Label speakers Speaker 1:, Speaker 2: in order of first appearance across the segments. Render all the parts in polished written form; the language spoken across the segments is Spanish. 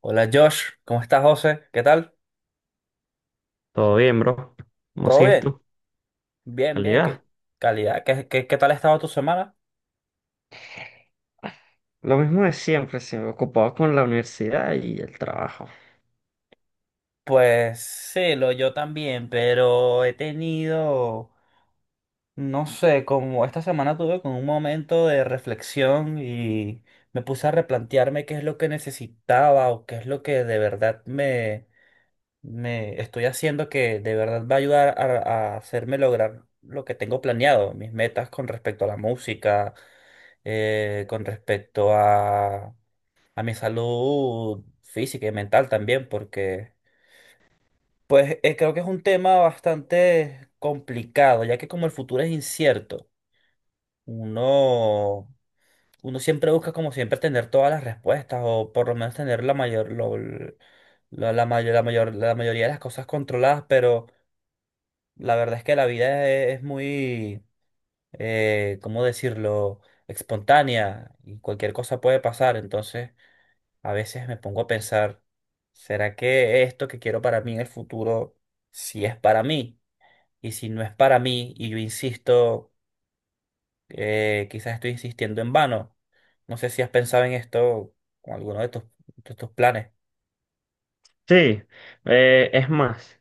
Speaker 1: Hola Josh, ¿cómo estás, José? ¿Qué tal?
Speaker 2: Todo bien, bro. ¿Cómo
Speaker 1: ¿Todo
Speaker 2: sigues
Speaker 1: bien?
Speaker 2: tú?
Speaker 1: Bien, bien,
Speaker 2: Calidad.
Speaker 1: qué calidad. ¿Qué tal ha estado tu semana?
Speaker 2: Lo mismo de siempre, se me ocupaba con la universidad y el trabajo.
Speaker 1: Pues sí, lo yo también, pero he tenido, no sé, como esta semana tuve como un momento de reflexión y me puse a replantearme qué es lo que necesitaba o qué es lo que de me estoy haciendo que de verdad va a ayudar a hacerme lograr lo que tengo planeado, mis metas con respecto a la música, con respecto a mi salud física y mental también, porque creo que es un tema bastante complicado, ya que como el futuro es incierto, uno, uno siempre busca como siempre tener todas las respuestas o por lo menos tener la mayor, la mayoría de las cosas controladas, pero la verdad es que la vida es muy, ¿cómo decirlo? Espontánea y cualquier cosa puede pasar, entonces. A veces me pongo a pensar, ¿será que esto que quiero para mí en el futuro, si es para mí? Y si no es para mí, y yo insisto, quizás estoy insistiendo en vano. No sé si has pensado en esto con alguno de de tus planes.
Speaker 2: Sí, es más,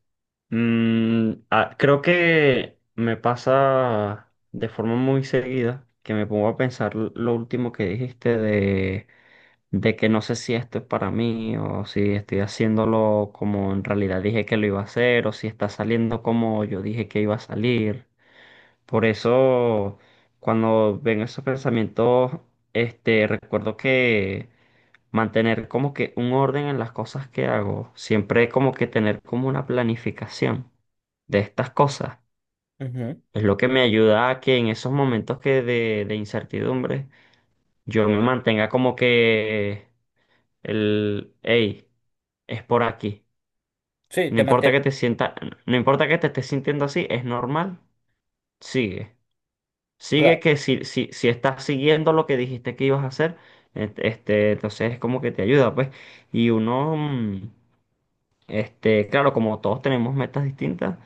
Speaker 2: creo que me pasa de forma muy seguida que me pongo a pensar lo último que dijiste de que no sé si esto es para mí o si estoy haciéndolo como en realidad dije que lo iba a hacer o si está saliendo como yo dije que iba a salir. Por eso, cuando ven esos pensamientos, recuerdo que mantener como que un orden en las cosas que hago, siempre como que tener como una planificación de estas cosas,
Speaker 1: Ujú.
Speaker 2: es lo que me ayuda a que en esos momentos de incertidumbre, yo me mantenga como que el, hey, es por aquí.
Speaker 1: Sí,
Speaker 2: No
Speaker 1: te
Speaker 2: importa que
Speaker 1: mantienes.
Speaker 2: te sienta, no importa que te estés sintiendo así, es normal, sigue. Sigue
Speaker 1: Claro.
Speaker 2: que si estás siguiendo lo que dijiste que ibas a hacer, entonces es como que te ayuda, pues. Y uno, claro, como todos tenemos metas distintas,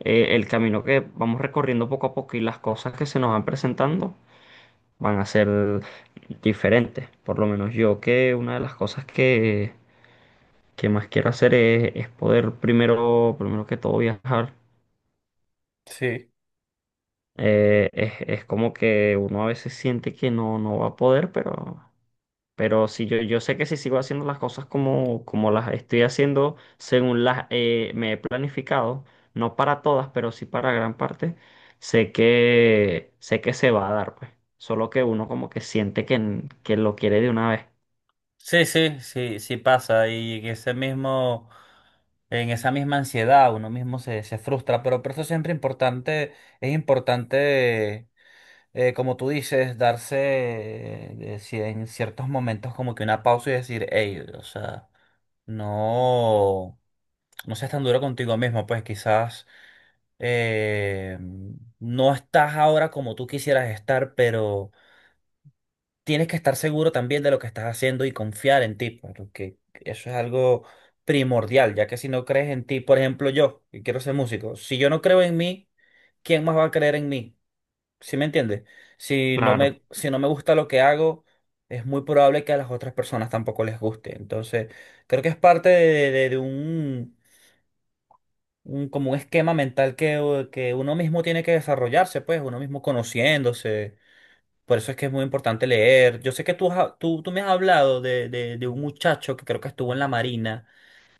Speaker 2: el camino que vamos recorriendo poco a poco y las cosas que se nos van presentando van a ser diferentes. Por lo menos yo que una de las cosas que más quiero hacer es poder primero, primero que todo viajar.
Speaker 1: Sí.
Speaker 2: Es como que uno a veces siente que no, no va a poder, pero... Pero si yo sé que si sigo haciendo las cosas como, como las estoy haciendo, según las me he planificado, no para todas, pero sí para gran parte, sé que se va a dar, pues. Solo que uno como que siente que, que lo quiere de una vez.
Speaker 1: Sí, sí, sí, sí pasa. Y en ese mismo, en esa misma ansiedad, uno mismo se frustra. Pero por eso siempre importante, es importante, como tú dices, darse, si en ciertos momentos como que una pausa y decir, hey, o sea, no, no seas tan duro contigo mismo, pues quizás, eh, no estás ahora como tú quisieras estar, pero tienes que estar seguro también de lo que estás haciendo y confiar en ti, pues, porque eso es algo primordial, ya que si no crees en ti, por ejemplo, yo, que quiero ser músico, si yo no creo en mí, ¿quién más va a creer en mí? ¿Sí me entiendes? Si no
Speaker 2: Claro.
Speaker 1: me, si no me gusta lo que hago, es muy probable que a las otras personas tampoco les guste. Entonces, creo que es parte de un, como un esquema mental que uno mismo tiene que desarrollarse, pues, uno mismo conociéndose. Por eso es que es muy importante leer. Yo sé que tú, tú me has hablado de un muchacho que creo que estuvo en la marina,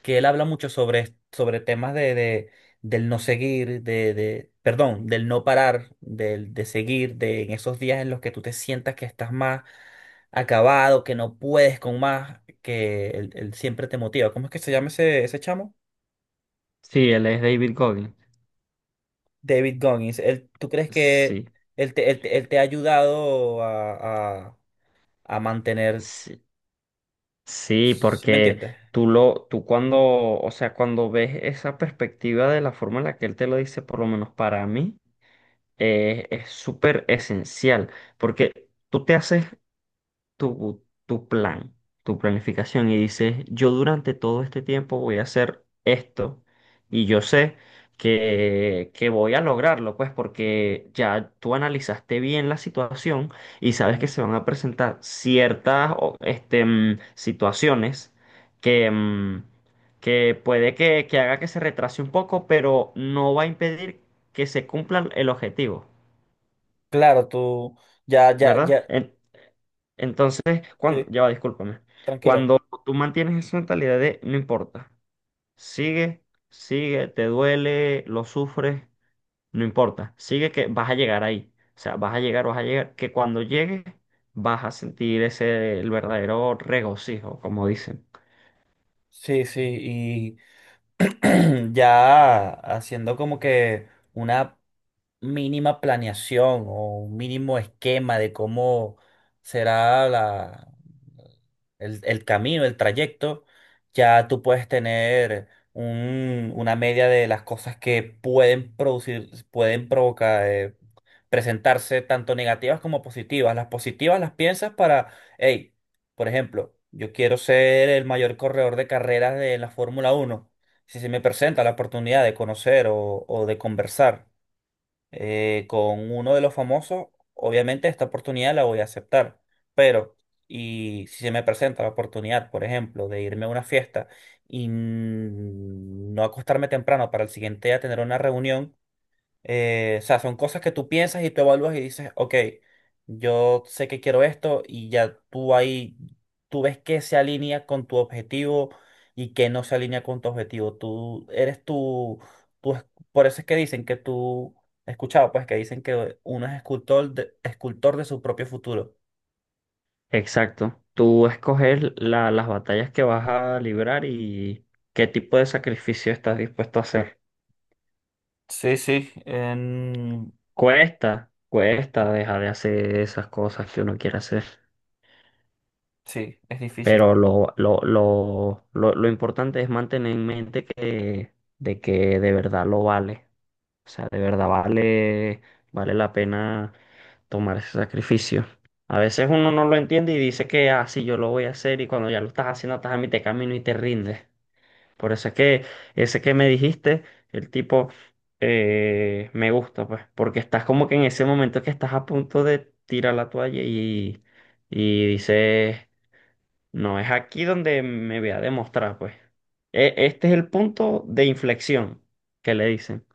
Speaker 1: que él habla mucho sobre temas del no seguir, perdón, del no parar, del, de seguir, de en esos días en los que tú te sientas que estás más acabado, que no puedes con más, que él siempre te motiva. ¿Cómo es que se llama ese chamo?
Speaker 2: Sí, él es David Goggins.
Speaker 1: David Goggins. Él, ¿tú crees que
Speaker 2: Sí.
Speaker 1: él te ha ayudado a mantener,
Speaker 2: Sí, sí,
Speaker 1: ¿sí me
Speaker 2: porque
Speaker 1: entiendes?
Speaker 2: tú cuando, o sea, cuando ves esa perspectiva de la forma en la que él te lo dice, por lo menos para mí. Es súper esencial porque tú te haces tu plan, tu planificación y dices, yo durante todo este tiempo voy a hacer esto y yo sé que voy a lograrlo, pues porque ya tú analizaste bien la situación y sabes
Speaker 1: ¿Mm?
Speaker 2: que se van a presentar ciertas o, situaciones que... mm, que puede que haga que se retrase un poco, pero no va a impedir que se cumpla el objetivo.
Speaker 1: Claro, tú ya, ya,
Speaker 2: ¿Verdad?
Speaker 1: ya,
Speaker 2: Entonces, cuando,
Speaker 1: sí,
Speaker 2: ya va, discúlpame.
Speaker 1: tranquilo.
Speaker 2: Cuando tú mantienes esa mentalidad de no importa, sigue, sigue, te duele, lo sufres, no importa, sigue que vas a llegar ahí. O sea, vas a llegar, que cuando llegues vas a sentir ese, el verdadero regocijo, como dicen.
Speaker 1: Sí, sí, ya haciendo como que una mínima planeación o un mínimo esquema de cómo será el camino, el trayecto, ya tú puedes tener una media de las cosas que pueden producir, pueden provocar, presentarse tanto negativas como positivas. Las positivas las piensas para, hey, por ejemplo, yo quiero ser el mayor corredor de carreras de la Fórmula uno. Si se me presenta la oportunidad de conocer o de conversar, con uno de los famosos, obviamente esta oportunidad la voy a aceptar. Pero, y si se me presenta la oportunidad, por ejemplo, de irme a una fiesta y no acostarme temprano para el siguiente día tener una reunión, o sea, son cosas que tú piensas y tú evalúas y dices, ok, yo sé que quiero esto y ya tú ahí, tú ves qué se alinea con tu objetivo y qué no se alinea con tu objetivo. Tú eres tú, tú es- por eso es que dicen que tú, he escuchado pues que dicen que uno es escultor de su propio futuro.
Speaker 2: Exacto. Tú escoges las batallas que vas a librar y qué tipo de sacrificio estás dispuesto a hacer.
Speaker 1: Sí, sí, en-,
Speaker 2: Cuesta, cuesta dejar de hacer esas cosas que uno quiere hacer.
Speaker 1: sí, es difícil.
Speaker 2: Pero lo importante es mantener en mente que de verdad lo vale. O sea, de verdad vale, vale la pena tomar ese sacrificio. A veces uno no lo entiende y dice que, ah, sí, yo lo voy a hacer y cuando ya lo estás haciendo, estás a mitad de camino y te rindes. Por eso es que ese que me dijiste, el tipo, me gusta, pues, porque estás como que en ese momento que estás a punto de tirar la toalla y dices, no es aquí donde me voy a demostrar, pues. Este es el punto de inflexión que le dicen,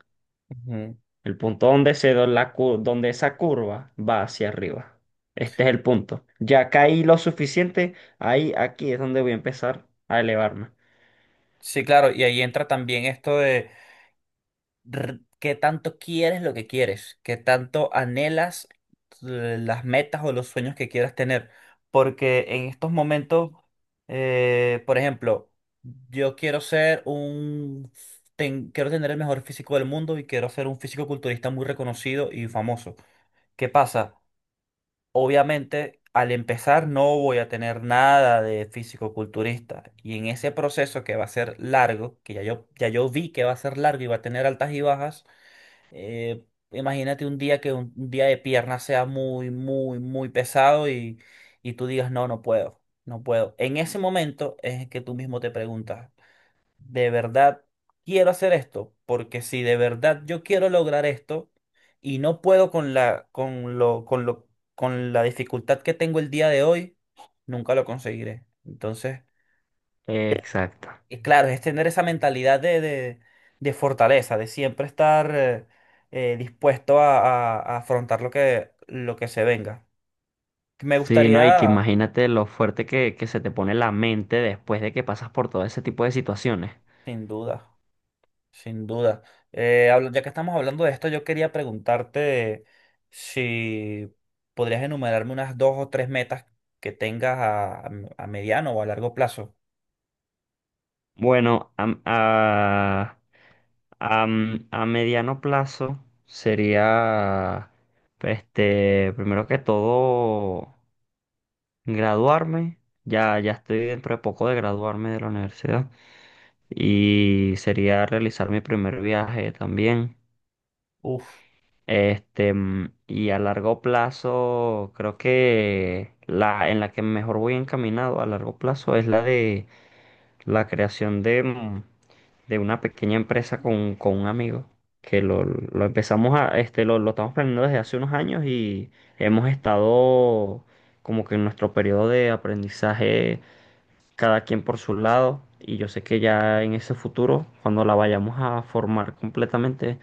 Speaker 1: Ujú.
Speaker 2: el punto donde se da donde esa curva va hacia arriba. Este es el punto. Ya caí lo suficiente, ahí, aquí es donde voy a empezar a elevarme.
Speaker 1: Sí, claro, y ahí entra también esto de, qué tanto quieres lo que quieres, qué tanto anhelas, las metas o los sueños que quieras tener. Porque en estos momentos, por ejemplo, yo quiero ser un, quiero tener el mejor físico del mundo y quiero ser un físico culturista muy reconocido y famoso. ¿Qué pasa? Obviamente, al empezar no voy a tener nada de físico culturista. Y en ese proceso que va a ser largo, que ya yo vi que va a ser largo y va a tener altas y bajas, eh, imagínate un día que un día de pierna sea muy, muy, muy pesado y tú digas, no, no puedo, no puedo. En ese momento es que tú mismo te preguntas, ¿de verdad quiero hacer esto? Porque si de verdad yo quiero lograr esto y no puedo con la, con lo, con lo, con la dificultad que tengo el día de hoy, nunca lo conseguiré. Entonces.
Speaker 2: Exacto.
Speaker 1: Y claro, es tener esa mentalidad de fortaleza, de siempre estar dispuesto a afrontar lo que se venga. Me
Speaker 2: Sí, no, y que
Speaker 1: gustaría,
Speaker 2: imagínate lo fuerte que se te pone la mente después de que pasas por todo ese tipo de situaciones.
Speaker 1: sin duda, sin duda, ya que estamos hablando de esto, yo quería preguntarte si podrías enumerarme unas dos o tres metas que tengas a mediano o a largo plazo.
Speaker 2: Bueno, a mediano plazo sería, primero que todo, graduarme. Ya, ya estoy dentro de poco de graduarme de la universidad. Y sería realizar mi primer viaje también.
Speaker 1: Uf,
Speaker 2: Y a largo plazo, creo que la en la que mejor voy encaminado a largo plazo es la de la creación de una pequeña empresa con un amigo. Que lo empezamos a, lo estamos planeando desde hace unos años y hemos estado como que en nuestro periodo de aprendizaje, cada quien por su lado. Y yo sé que ya en ese futuro, cuando la vayamos a formar completamente,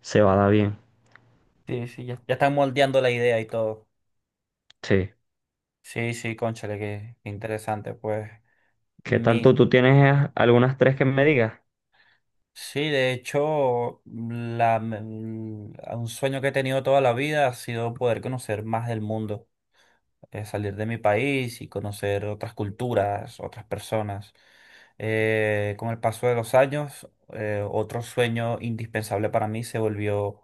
Speaker 2: se va a dar bien.
Speaker 1: sí, sí, ya están moldeando la idea y todo.
Speaker 2: Sí.
Speaker 1: Sí, sí, cónchale, qué interesante, pues.
Speaker 2: ¿Qué tal tú?
Speaker 1: Mi,
Speaker 2: ¿Tú tienes algunas tres que me digas?
Speaker 1: Sí, de hecho, un sueño que he tenido toda la vida ha sido poder conocer más del mundo, salir de mi país y conocer otras culturas, otras personas. Con el paso de los años, otro sueño indispensable para mí se volvió,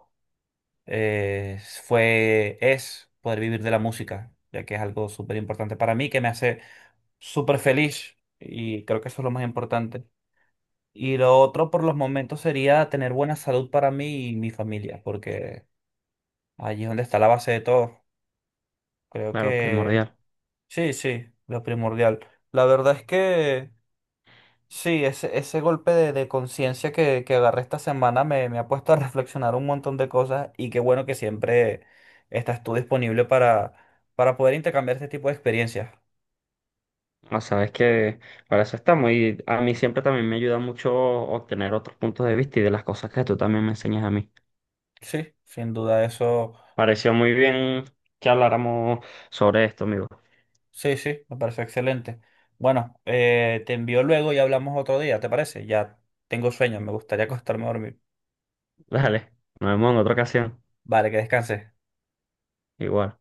Speaker 1: eh, es poder vivir de la música, ya que es algo súper importante para mí, que me hace súper feliz y creo que eso es lo más importante. Y lo otro por los momentos sería tener buena salud para mí y mi familia, porque allí es donde está la base de todo. Creo
Speaker 2: Claro,
Speaker 1: que
Speaker 2: primordial.
Speaker 1: sí, sí, lo primordial. La verdad es que sí, ese golpe de conciencia que agarré esta semana me ha puesto a reflexionar un montón de cosas y qué bueno que siempre estás tú disponible para poder intercambiar este tipo de experiencias.
Speaker 2: No, sabes que para eso estamos y a mí siempre también me ayuda mucho obtener otros puntos de vista y de las cosas que tú también me enseñas a mí.
Speaker 1: Sí, sin duda eso.
Speaker 2: Pareció muy bien que habláramos sobre esto, amigo.
Speaker 1: Sí, sí, me parece excelente. Bueno, te envío luego y hablamos otro día, ¿te parece? Ya tengo sueño, me gustaría acostarme a dormir.
Speaker 2: Dale, nos vemos en otra ocasión.
Speaker 1: Vale, que descanses.
Speaker 2: Igual.